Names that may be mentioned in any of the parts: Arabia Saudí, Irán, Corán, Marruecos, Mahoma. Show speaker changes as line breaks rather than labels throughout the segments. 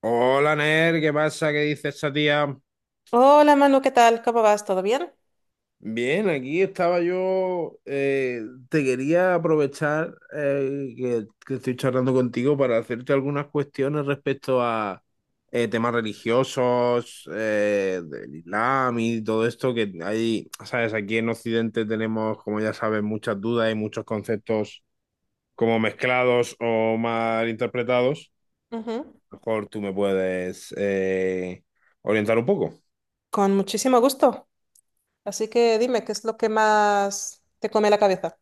Hola, Ner, ¿qué pasa? ¿Qué dice esa tía?
Hola Manu, ¿qué tal? ¿Cómo vas? ¿Todo bien?
Bien, aquí estaba yo. Te quería aprovechar, que estoy charlando contigo para hacerte algunas cuestiones respecto a, temas religiosos, del Islam y todo esto que hay, ¿sabes? Aquí en Occidente tenemos, como ya sabes, muchas dudas y muchos conceptos como mezclados o mal interpretados.
Ujú.
A lo mejor tú me puedes, orientar un poco.
Con muchísimo gusto. Así que dime, ¿qué es lo que más te come la cabeza?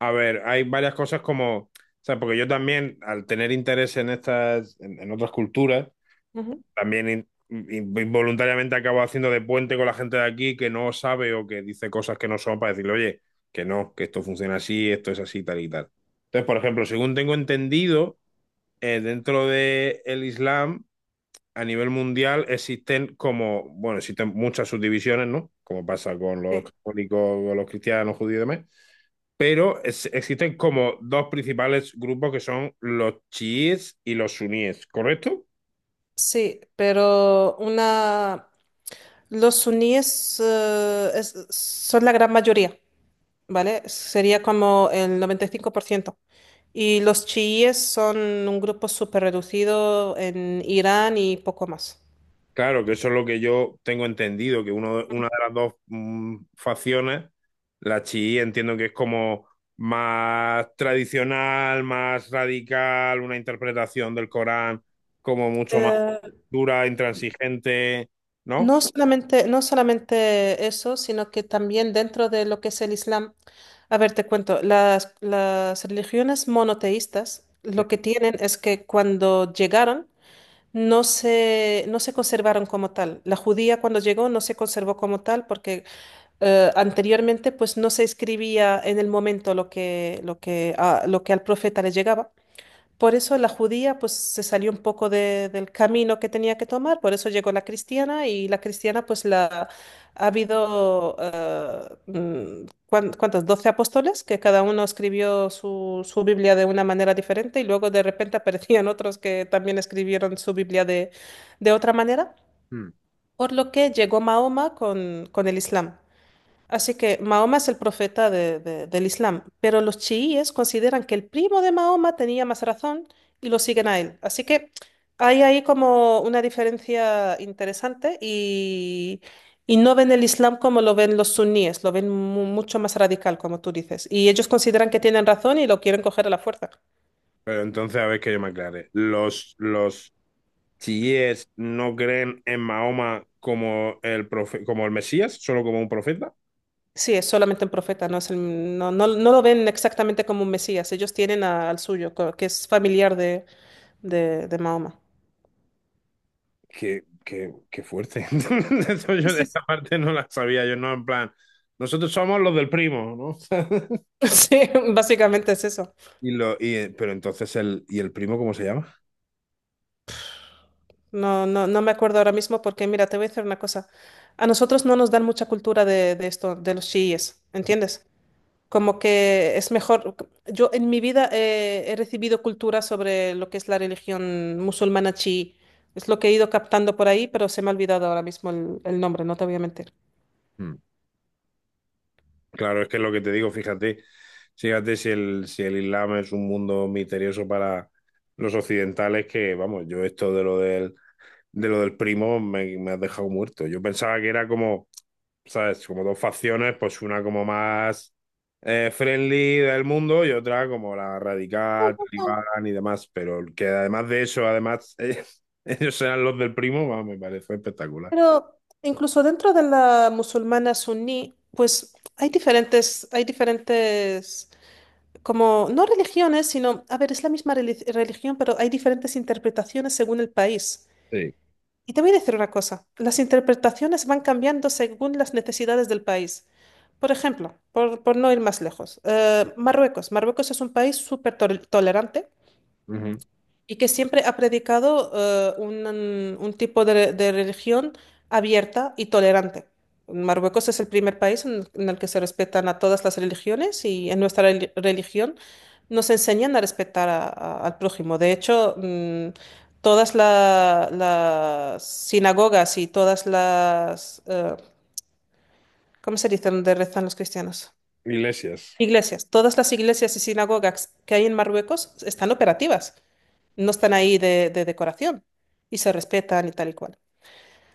A ver, hay varias cosas, como, o sea, porque yo también, al tener interés en estas, en otras culturas,
Ujú.
también involuntariamente acabo haciendo de puente con la gente de aquí que no sabe o que dice cosas que no son, para decirle, oye, que no, que esto funciona así, esto es así, tal y tal. Entonces, por ejemplo, según tengo entendido, dentro del Islam, a nivel mundial, existen como, bueno, existen muchas subdivisiones, ¿no? Como pasa con los
Sí.
católicos, con los cristianos, judíos y demás, pero existen como dos principales grupos que son los chiíes y los suníes, ¿correcto?
Sí, pero una... Los suníes son la gran mayoría, ¿vale? Sería como el 95%, y los chiíes son un grupo súper reducido en Irán y poco más.
Claro, que eso es lo que yo tengo entendido, que una de las dos facciones, la chií, entiendo que es como más tradicional, más radical, una interpretación del Corán como mucho más
Eh,
dura, intransigente, ¿no?
No solamente, no solamente eso, sino que también dentro de lo que es el Islam, a ver, te cuento, las religiones monoteístas
Sí.
lo que tienen es que cuando llegaron no se conservaron como tal. La judía cuando llegó no se conservó como tal porque anteriormente pues no se escribía en el momento lo que al profeta le llegaba. Por eso la judía pues se salió un poco del camino que tenía que tomar, por eso llegó la cristiana y la cristiana pues la ha habido ¿cuántos? 12 apóstoles que cada uno escribió su Biblia de una manera diferente y luego de repente aparecían otros que también escribieron su Biblia de otra manera,
Mm.
por lo que llegó Mahoma con el Islam. Así que Mahoma es el profeta del Islam, pero los chiíes consideran que el primo de Mahoma tenía más razón y lo siguen a él. Así que hay ahí como una diferencia interesante y no ven el Islam como lo ven los suníes, lo ven mucho más radical, como tú dices. Y ellos consideran que tienen razón y lo quieren coger a la fuerza.
Pero entonces, a ver, que yo me aclare. Los si es, no creen en Mahoma como el, como el Mesías, solo como un profeta.
Sí, es solamente un profeta, no es no, no, no lo ven exactamente como un mesías. Ellos tienen al suyo, que es familiar de Mahoma.
Qué, qué fuerte. Eso yo de esta parte no la sabía, yo no, en plan, nosotros somos los del primo, ¿no?
Sí, básicamente es eso.
Pero entonces el, ¿y el primo cómo se llama?
No, no, no me acuerdo ahora mismo porque, mira, te voy a decir una cosa. A nosotros no nos dan mucha cultura de esto, de los chiíes, ¿entiendes? Como que es mejor. Yo en mi vida he recibido cultura sobre lo que es la religión musulmana chií. Es lo que he ido captando por ahí, pero se me ha olvidado ahora mismo el nombre, no te voy a mentir.
Mm. Claro, es que es lo que te digo, fíjate, fíjate si el, si el Islam es un mundo misterioso para los occidentales, que vamos, yo esto de lo del primo, me has dejado muerto. Yo pensaba que era como, ¿sabes? Como dos facciones, pues una como más, friendly del mundo y otra como la radical,
No.
talibán y demás. Pero que además de eso, además, ellos sean los del primo, va, me parece espectacular.
Pero incluso dentro de la musulmana suní, pues hay diferentes. Como, no religiones, sino, a ver, es la misma religión, pero hay diferentes interpretaciones según el país.
Sí.
Y te voy a decir una cosa, las interpretaciones van cambiando según las necesidades del país. Por ejemplo, por no ir más lejos, Marruecos. Marruecos es un país súper tolerante
Ujú.
y que siempre ha predicado un tipo de religión abierta y tolerante. Marruecos es el primer país en el que se respetan a todas las religiones y en nuestra religión nos enseñan a respetar al prójimo. De hecho, todas las sinagogas y todas ¿cómo se dice? Donde rezan los cristianos?
Iglesias.
Iglesias. Todas las iglesias y sinagogas que hay en Marruecos están operativas, no están ahí de decoración, y se respetan y tal y cual.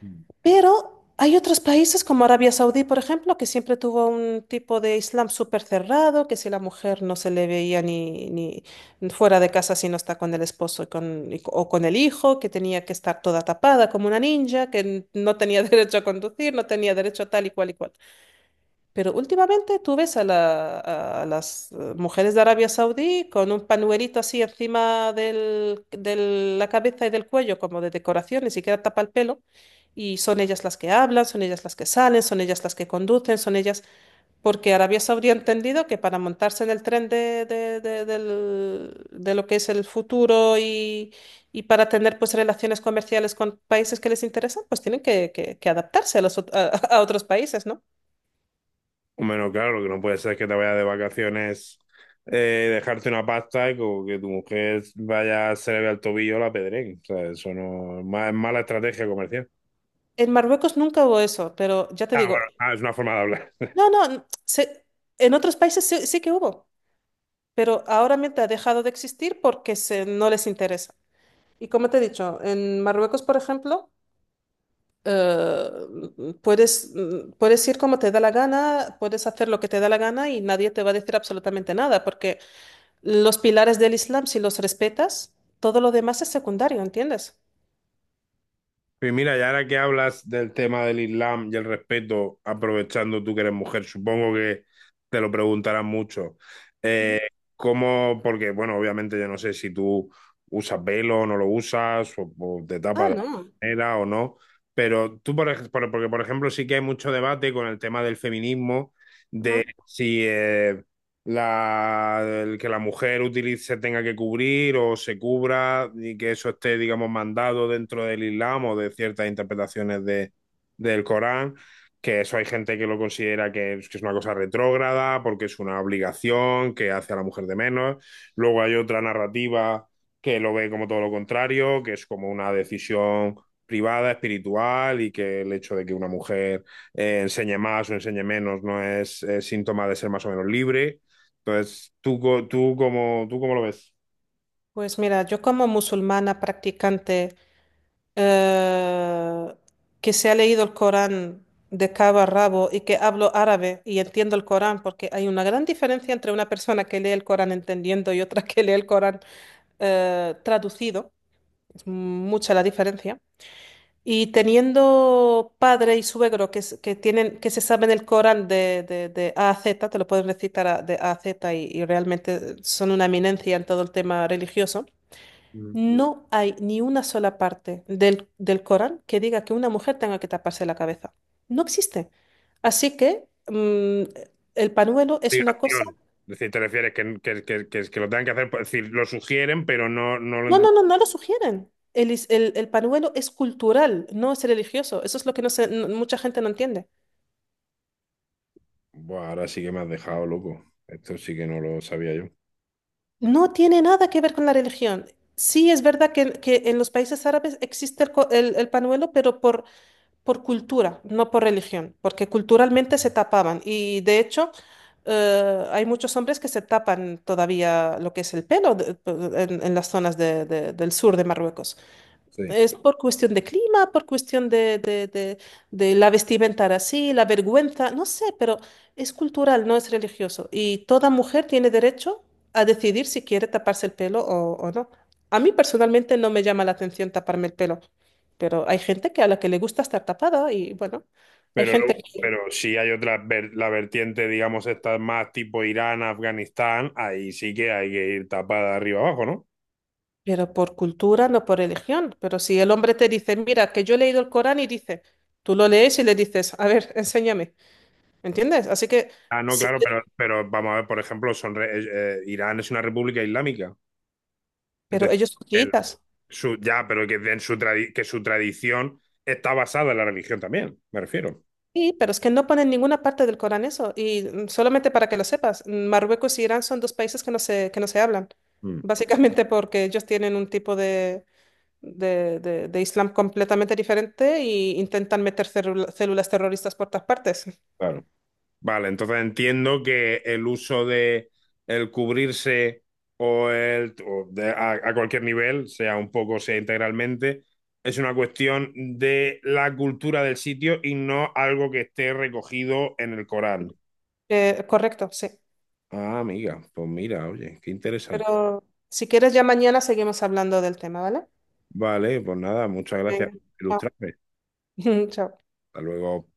Mm.
Pero hay otros países como Arabia Saudí, por ejemplo, que siempre tuvo un tipo de Islam súper cerrado, que si la mujer no se le veía ni fuera de casa si no está con el esposo y con, o con el hijo, que tenía que estar toda tapada como una ninja, que no tenía derecho a conducir, no tenía derecho a tal y cual y cual. Pero últimamente tú ves a, a las mujeres de Arabia Saudí con un panuelito así encima de la cabeza y del cuello, como de decoración, ni siquiera tapa el pelo. Y son ellas las que hablan, son ellas las que salen, son ellas las que conducen, son ellas... Porque Arabia Saudí ha entendido que para montarse en el tren de lo que es el futuro y para tener pues relaciones comerciales con países que les interesan, pues tienen que adaptarse a los a otros países, ¿no?
Bueno, claro, lo que no puede ser es que te vayas de vacaciones, dejarte una pasta y como que tu mujer vaya, se le vea el tobillo la pedrén. O sea, eso no es mala estrategia comercial.
En Marruecos nunca hubo eso, pero ya te
Ah, bueno,
digo,
ah, es una forma de hablar.
no, no, en otros países sí, sí que hubo, pero ahora mismo ha dejado de existir porque no les interesa. Y como te he dicho, en Marruecos, por ejemplo, eh, puedes ir como te da la gana, puedes hacer lo que te da la gana y nadie te va a decir absolutamente nada, porque los pilares del Islam, si los respetas, todo lo demás es secundario, ¿entiendes?
Pues mira, y ahora que hablas del tema del Islam y el respeto, aprovechando tú que eres mujer, supongo que te lo preguntarán mucho.
Ujú.
Eh, ¿Cómo? Porque, bueno, obviamente yo no sé si tú usas velo o no lo usas, o te
Ah,
tapas de alguna
no.
manera o no, pero tú, por ejemplo, porque por ejemplo, sí que hay mucho debate con el tema del feminismo,
Ajá.
de si, la, el que la mujer utilice, se tenga que cubrir o se cubra y que eso esté, digamos, mandado dentro del Islam o de ciertas interpretaciones de, del Corán, que eso hay gente que lo considera que es una cosa retrógrada porque es una obligación que hace a la mujer de menos. Luego hay otra narrativa que lo ve como todo lo contrario, que es como una decisión privada, espiritual, y que el hecho de que una mujer, enseñe más o enseñe menos no es, síntoma de ser más o menos libre. Entonces, ¿ tú cómo lo ves?
Pues mira, yo como musulmana practicante eh, que se ha leído el Corán de cabo a rabo y que hablo árabe y entiendo el Corán, porque hay una gran diferencia entre una persona que lee el Corán entendiendo y otra que lee el Corán traducido. Es mucha la diferencia. Y teniendo padre y suegro que tienen, que se saben el Corán de A a Z, te lo pueden recitar de A a Z y realmente son una eminencia en todo el tema religioso.
Mm.
No hay ni una sola parte del Corán que diga que una mujer tenga que taparse la cabeza. No existe. Así que el panuelo es una cosa...
Obligación. Es decir, te refieres que, que lo tengan que hacer, pues, es decir, lo sugieren, pero no, no
No,
lo...
no, no, no lo sugieren. El panuelo es cultural, no es religioso. Eso es lo que mucha gente no entiende.
Buah, ahora sí que me has dejado loco. Esto sí que no lo sabía yo.
No tiene nada que ver con la religión. Sí es verdad que en los países árabes existe el, co- el panuelo, pero por cultura, no por religión, porque culturalmente se tapaban y de hecho hay muchos hombres que se tapan todavía lo que es el pelo en las zonas del sur de Marruecos.
Sí.
Es por cuestión de clima, por cuestión de la vestimenta así, la vergüenza, no sé, pero es cultural, no es religioso. Y toda mujer tiene derecho a decidir si quiere taparse el pelo o no. A mí personalmente no me llama la atención taparme el pelo, pero hay gente que a la que le gusta estar tapada y bueno, hay
Pero
gente que...
luego,
Sí,
pero si hay otra la vertiente, digamos, esta más tipo Irán, Afganistán, ahí sí que hay que ir tapada de arriba abajo, ¿no?
pero por cultura, no por religión. Pero si el hombre te dice, mira, que yo he leído el Corán y dice, tú lo lees y le dices, a ver, enséñame, ¿entiendes? Así que...
Ah, no,
Sí,
claro, pero vamos a ver, por ejemplo, son Irán es una república islámica. Es
pero
decir,
ellos son chiitas.
Su, ya, pero que, en su que su tradición está basada en la religión también, me refiero.
Sí, pero es que no ponen ninguna parte del Corán eso. Y solamente para que lo sepas, Marruecos y Irán son dos países que no se hablan.
Mm,
Básicamente porque ellos tienen un tipo de Islam completamente diferente y intentan meter células terroristas por todas partes.
claro. Vale, entonces entiendo que el uso de el cubrirse o el o a cualquier nivel, sea un poco, sea integralmente, es una cuestión de la cultura del sitio y no algo que esté recogido en el Corán.
Correcto, sí.
Ah, amiga, pues mira, oye, qué interesante.
Pero si quieres, ya mañana seguimos hablando del tema, ¿vale?
Vale, pues nada, muchas gracias
Venga,
por
chao.
ilustrarme.
Chao.
Hasta luego.